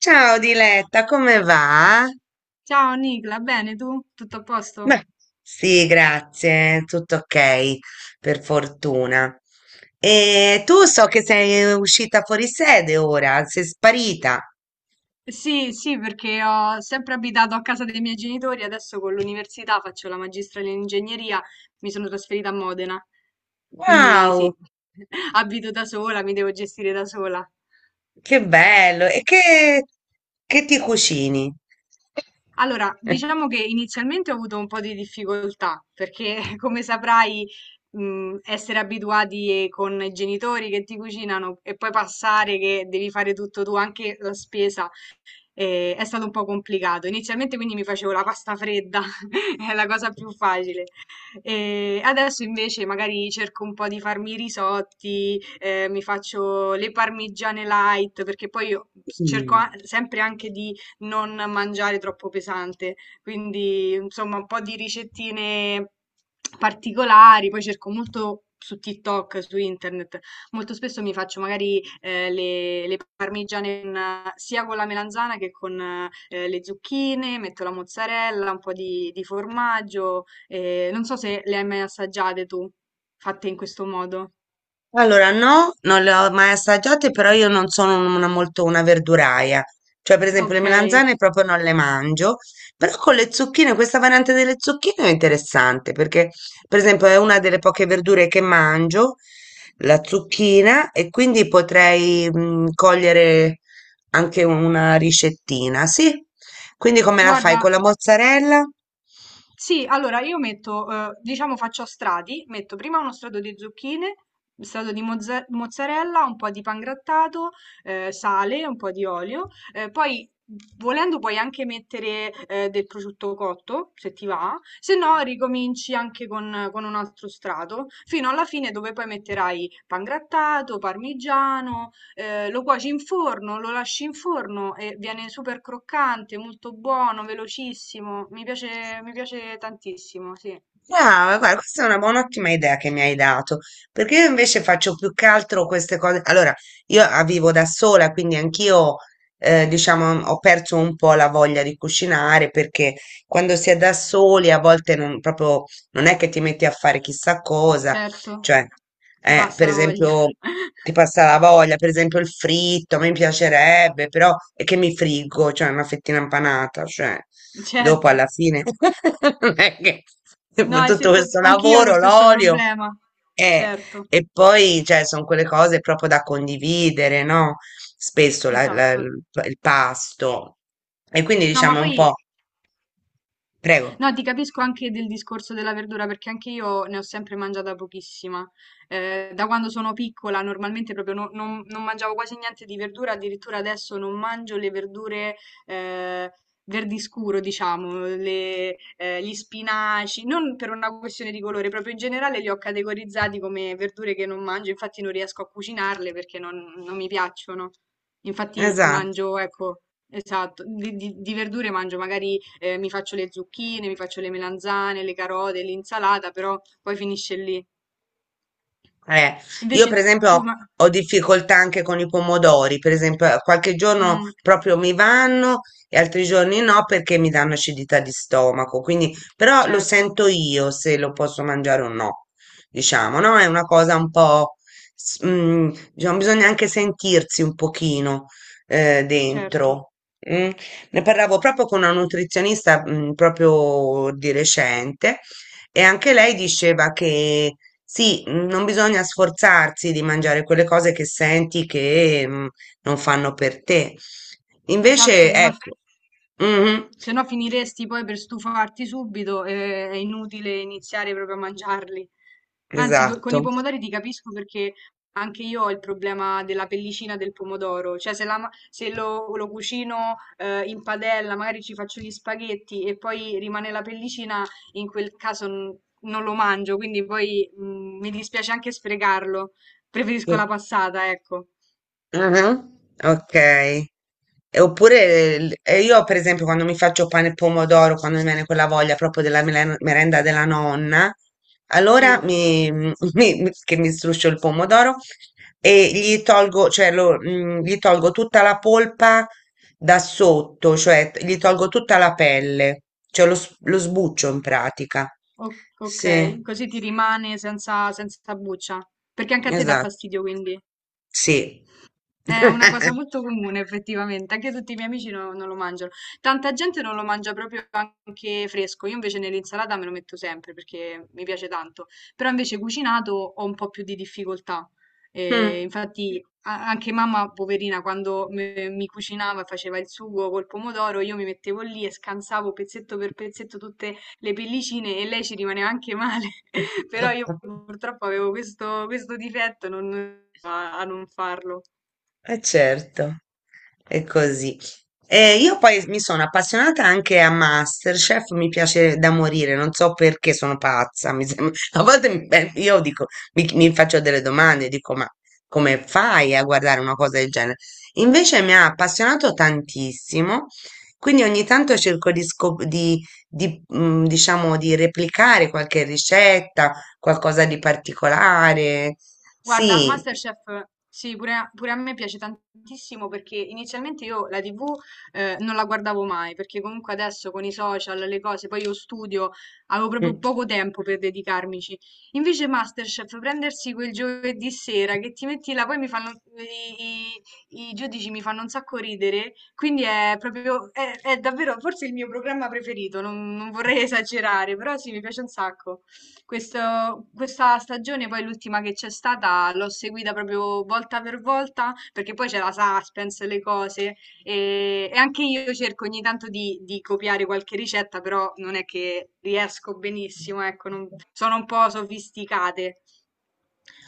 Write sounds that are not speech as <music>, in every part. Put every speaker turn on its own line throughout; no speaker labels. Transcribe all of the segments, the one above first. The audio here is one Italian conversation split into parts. Ciao Diletta, come va?
Ciao Nicla, bene tu? Tutto a posto?
Beh, sì, grazie, tutto ok, per fortuna. E tu so che sei uscita fuori sede ora, sei sparita.
Sì, sì, perché ho sempre abitato a casa dei miei genitori, adesso con l'università faccio la magistrale in ingegneria, mi sono trasferita a Modena, quindi
Wow,
sì, <laughs> abito da sola, mi devo gestire da sola.
che bello! Che ti cucini?
Allora,
<laughs>
diciamo che inizialmente ho avuto un po' di difficoltà, perché <laughs> come saprai, essere abituati con i genitori che ti cucinano e poi passare che devi fare tutto tu, anche la spesa. E è stato un po' complicato. Inizialmente quindi mi facevo la pasta fredda, <laughs> è la cosa più facile. E adesso invece magari cerco un po' di farmi i risotti, mi faccio le parmigiane light, perché poi io
Mm.
sempre anche di non mangiare troppo pesante. Quindi, insomma, un po' di ricettine particolari, poi cerco molto su TikTok, su internet. Molto spesso mi faccio magari, le parmigiane con sia con la melanzana che con, le zucchine, metto la mozzarella, un po' di formaggio, non so se le hai mai assaggiate tu, fatte in questo modo.
Allora, no, non le ho mai assaggiate, però io non sono una, molto una verduraia. Cioè, per esempio, le
Okay.
melanzane proprio non le mangio, però con le zucchine, questa variante delle zucchine è interessante perché, per esempio, è una delle poche verdure che mangio, la zucchina, e quindi potrei cogliere anche una ricettina, sì? Quindi come la fai? Con
Guarda,
la mozzarella?
sì, allora io metto, diciamo faccio a strati, metto prima uno strato di zucchine, un strato di mozzarella, un po' di pangrattato, sale, un po' di olio, poi volendo puoi anche mettere del prosciutto cotto, se ti va, se no ricominci anche con un altro strato, fino alla fine dove poi metterai pangrattato, parmigiano. Lo cuoci in forno, lo lasci in forno e viene super croccante, molto buono, velocissimo. Mi piace tantissimo, sì,
Brava, guarda, questa è una buona, ottima idea che mi hai dato, perché io invece faccio più che altro queste cose. Allora, io vivo da sola, quindi anch'io, diciamo, ho perso un po' la voglia di cucinare, perché quando si è da soli a volte non, proprio, non è che ti metti a fare chissà cosa,
certo.
cioè
Ti passa
per
la voglia.
esempio,
<laughs>
ti passa la voglia, per esempio il fritto, a me piacerebbe, però è che mi friggo, cioè una fettina impanata, cioè dopo
Certo.
alla fine <laughs> non è che <laughs>
No,
dopo
e se
tutto
to
questo
anch'io ho lo
lavoro,
stesso
l'olio
problema.
eh,
Certo,
e poi cioè, sono quelle cose proprio da condividere, no? Spesso
esatto.
il pasto e quindi
No, ma
diciamo un
poi
po', prego,
no, ti capisco anche del discorso della verdura perché anche io ne ho sempre mangiata pochissima. Da quando sono piccola normalmente proprio non, non mangiavo quasi niente di verdura, addirittura adesso non mangio le verdure eh, verdi scuro, diciamo, gli spinaci, non per una questione di colore, proprio in generale li ho categorizzati come verdure che non mangio, infatti non riesco a cucinarle perché non mi piacciono. Infatti
esatto.
mangio, ecco. Esatto, di verdure mangio, magari mi faccio le zucchine, mi faccio le melanzane, le carote, l'insalata, però poi finisce lì.
Eh, io
Invece
per
tu,
esempio
ma...
ho difficoltà anche con i pomodori, per esempio qualche giorno
Mm,
proprio mi vanno e altri giorni no perché mi danno acidità di stomaco, quindi però lo
certo,
sento io se lo posso mangiare o no, diciamo, no? È una cosa un po', diciamo, bisogna anche sentirsi un pochino
certo.
dentro. Mm. Ne parlavo proprio con una nutrizionista proprio di recente e anche lei diceva che sì, non bisogna sforzarsi di mangiare quelle cose che senti che non fanno per te.
Esatto,
Invece,
se no,
ecco, mhm,
se no finiresti poi per stufarti subito e è inutile iniziare proprio a mangiarli. Anzi, con i
esatto.
pomodori ti capisco perché anche io ho il problema della pellicina del pomodoro. Cioè, se, se lo, lo cucino in padella, magari ci faccio gli spaghetti e poi rimane la pellicina, in quel caso non lo mangio, quindi poi mi dispiace anche sprecarlo. Preferisco la
Sì.
passata, ecco.
Ah, ok. E oppure e io, per esempio, quando mi faccio pane e pomodoro, quando mi viene quella voglia proprio della merenda della nonna, allora
Sì.
mi, <laughs> che mi struscio il pomodoro e gli tolgo, cioè gli tolgo tutta la polpa da sotto, cioè gli tolgo tutta la pelle, cioè lo, lo sbuccio in pratica.
O-
Sì,
ok, così ti rimane senza, senza buccia. Perché anche a te dà
esatto,
fastidio, quindi.
sì.
È una cosa
<laughs>
molto comune effettivamente, anche tutti i miei amici non lo mangiano. Tanta gente non lo mangia proprio anche fresco, io invece nell'insalata me lo metto sempre perché mi piace tanto, però invece cucinato ho un po' più di difficoltà.
Mm.
Infatti anche mamma, poverina, quando mi cucinava e faceva il sugo col pomodoro, io mi mettevo lì e scansavo pezzetto per pezzetto tutte le pellicine e lei ci rimaneva anche male, <laughs> però io
<laughs>
purtroppo avevo questo, questo difetto a a non farlo.
Eh certo, è così. E io poi mi sono appassionata anche a MasterChef, mi piace da morire, non so perché sono pazza, mi sembra. <laughs> A volte beh, io dico, mi faccio delle domande, dico, ma come fai a guardare una cosa del genere? Invece mi ha appassionato tantissimo, quindi ogni tanto cerco di, di, diciamo, di replicare qualche ricetta, qualcosa di particolare.
Guarda,
Sì,
MasterChef, sì, pure a, pure a me piace tantissimo perché inizialmente io la TV non la guardavo mai, perché comunque adesso con i social, le cose, poi io studio, avevo proprio
mm,
poco tempo per dedicarmici. Invece MasterChef, prendersi quel giovedì sera che ti metti là, poi mi fanno, i, i giudici mi fanno un sacco ridere, quindi è proprio, è davvero forse il mio programma preferito, non vorrei esagerare, però sì, mi piace un sacco. Questa stagione, poi l'ultima che c'è stata, l'ho seguita proprio volta per volta, perché poi c'è la suspense, le cose, e anche io cerco ogni tanto di copiare qualche ricetta, però non è che riesco benissimo, ecco, sono un po' sofisticate.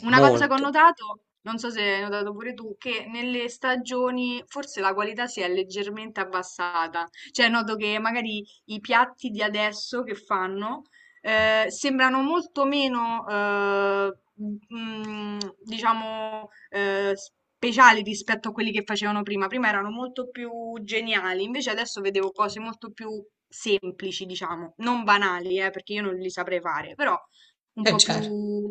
Una cosa che ho
molto.
notato, non so se hai notato pure tu, che nelle stagioni forse la qualità si è leggermente abbassata. Cioè, noto che magari i piatti di adesso che fanno sembrano molto meno, mm, diciamo, speciali rispetto a quelli che facevano prima. Prima erano molto più geniali, invece adesso vedevo cose molto più semplici, diciamo, non banali, perché io non li saprei fare, però un po'
Certo.
più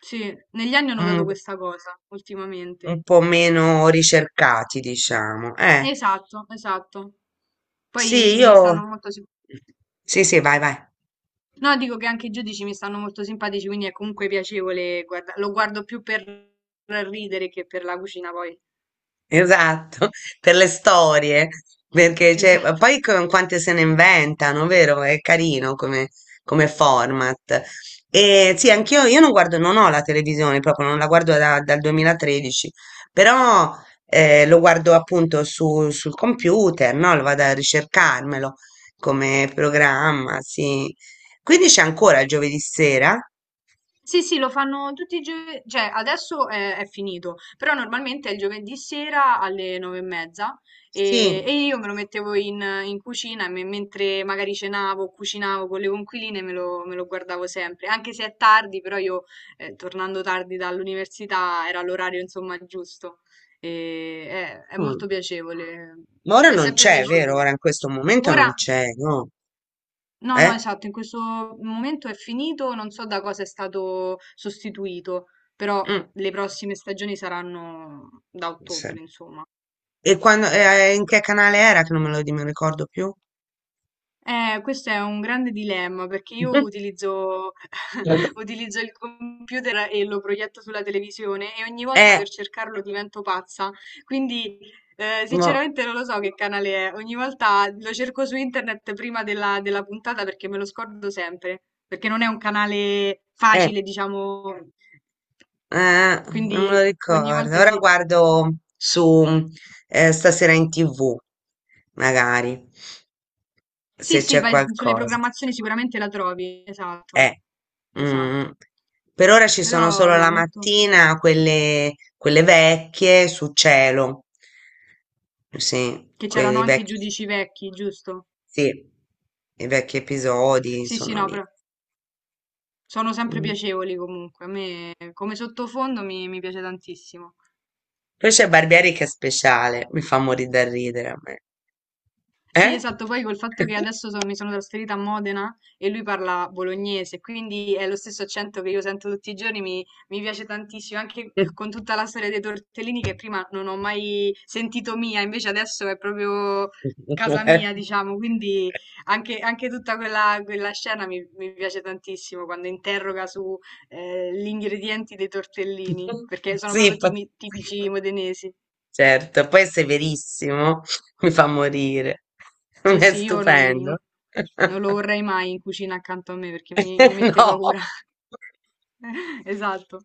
sì, negli anni ho notato
un,
questa cosa ultimamente.
un po' meno ricercati, diciamo.
Esatto, esatto. Poi
Sì,
mi
io...
stanno molto sim
Sì, sì, vai, vai.
no, dico che anche i giudici mi stanno molto simpatici, quindi è comunque piacevole guarda lo guardo più per ridere che per la cucina poi.
Esatto, <laughs> per le storie, perché ma
Esatto.
poi con quante se ne inventano, vero? Come format. E sì, anch'io io non guardo, non ho la televisione proprio, non la guardo dal 2013, però lo guardo appunto sul computer, no? Lo vado a ricercarmelo come programma, sì. Quindi c'è ancora il giovedì sera?
Sì, sì, lo fanno tutti i giovedì, cioè adesso è finito, però normalmente è il giovedì sera alle nove e mezza
Sì.
e io me lo mettevo in, in cucina e mentre magari cenavo, o cucinavo con le conquiline me lo guardavo sempre, anche se è tardi, però io tornando tardi dall'università era l'orario insomma giusto e è
Mm.
molto piacevole,
Ma ora
mi è
non
sempre
c'è, vero?
piaciuto.
Ora in questo momento non
Ora...
c'è, no?
No, no,
Eh?
esatto, in questo momento è finito, non so da cosa è stato sostituito, però
Mh,
le prossime stagioni saranno da
sì.
ottobre, insomma.
E quando e in che canale era che non me lo di me lo ricordo più?
Questo è un grande dilemma perché io
<laughs>
utilizzo, <laughs> utilizzo il computer e lo proietto sulla televisione e ogni volta
Eh,
per cercarlo divento pazza. Quindi,
mo
sinceramente non lo so che canale è. Ogni volta lo cerco su internet prima della, della puntata perché me lo scordo sempre, perché non è un canale
eh,
facile, diciamo.
eh, non me lo
Quindi ogni
ricordo.
volta
Ora
sì.
guardo su, Stasera in TV, magari,
Sì,
se
sì,
c'è
vai sulle
qualcosa.
programmazioni sicuramente la trovi,
Eh,
esatto, esatto.
mh-mh. Per ora ci sono
Però
solo
no,
la
è molto...
mattina quelle vecchie su Cielo. Sì,
Che c'erano
quei
anche i
vecchi
giudici vecchi, giusto?
sì, i vecchi episodi
Sì, sì,
sono
no,
lì.
però sono sempre
Mh.
piacevoli comunque. A me come sottofondo mi, mi piace tantissimo.
Poi c'è Barbieri che è speciale, mi fa morire da ridere a me.
Sì,
Eh?
esatto, poi col fatto che
<laughs>
adesso mi sono trasferita a Modena e lui parla bolognese, quindi è lo stesso accento che io sento tutti i giorni, mi piace tantissimo, anche con tutta la storia dei tortellini che prima non ho mai sentito mia, invece adesso è proprio casa mia, diciamo, quindi anche, anche tutta quella, quella scena mi, mi piace tantissimo quando interroga su gli ingredienti dei tortellini, perché sono
Sì,
proprio tipici <laughs> modenesi.
certo, poi è severissimo, mi fa morire. <laughs>
Sì,
È
sì, io non,
stupendo.
non lo
<laughs>
vorrei mai in cucina accanto a me perché mi mette
No.
paura. <laughs> Esatto.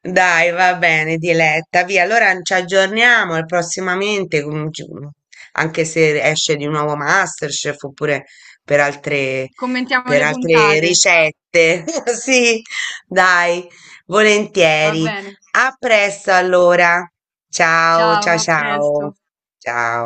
Dai, va bene, Diletta, via. Allora ci aggiorniamo e prossimamente, anche se esce di nuovo MasterChef oppure per altre,
Commentiamo
per
le
altre
puntate.
ricette. <laughs> Sì, dai,
Va
volentieri.
bene.
A presto allora. Ciao,
Ciao,
ciao,
a presto.
ciao. Ciao.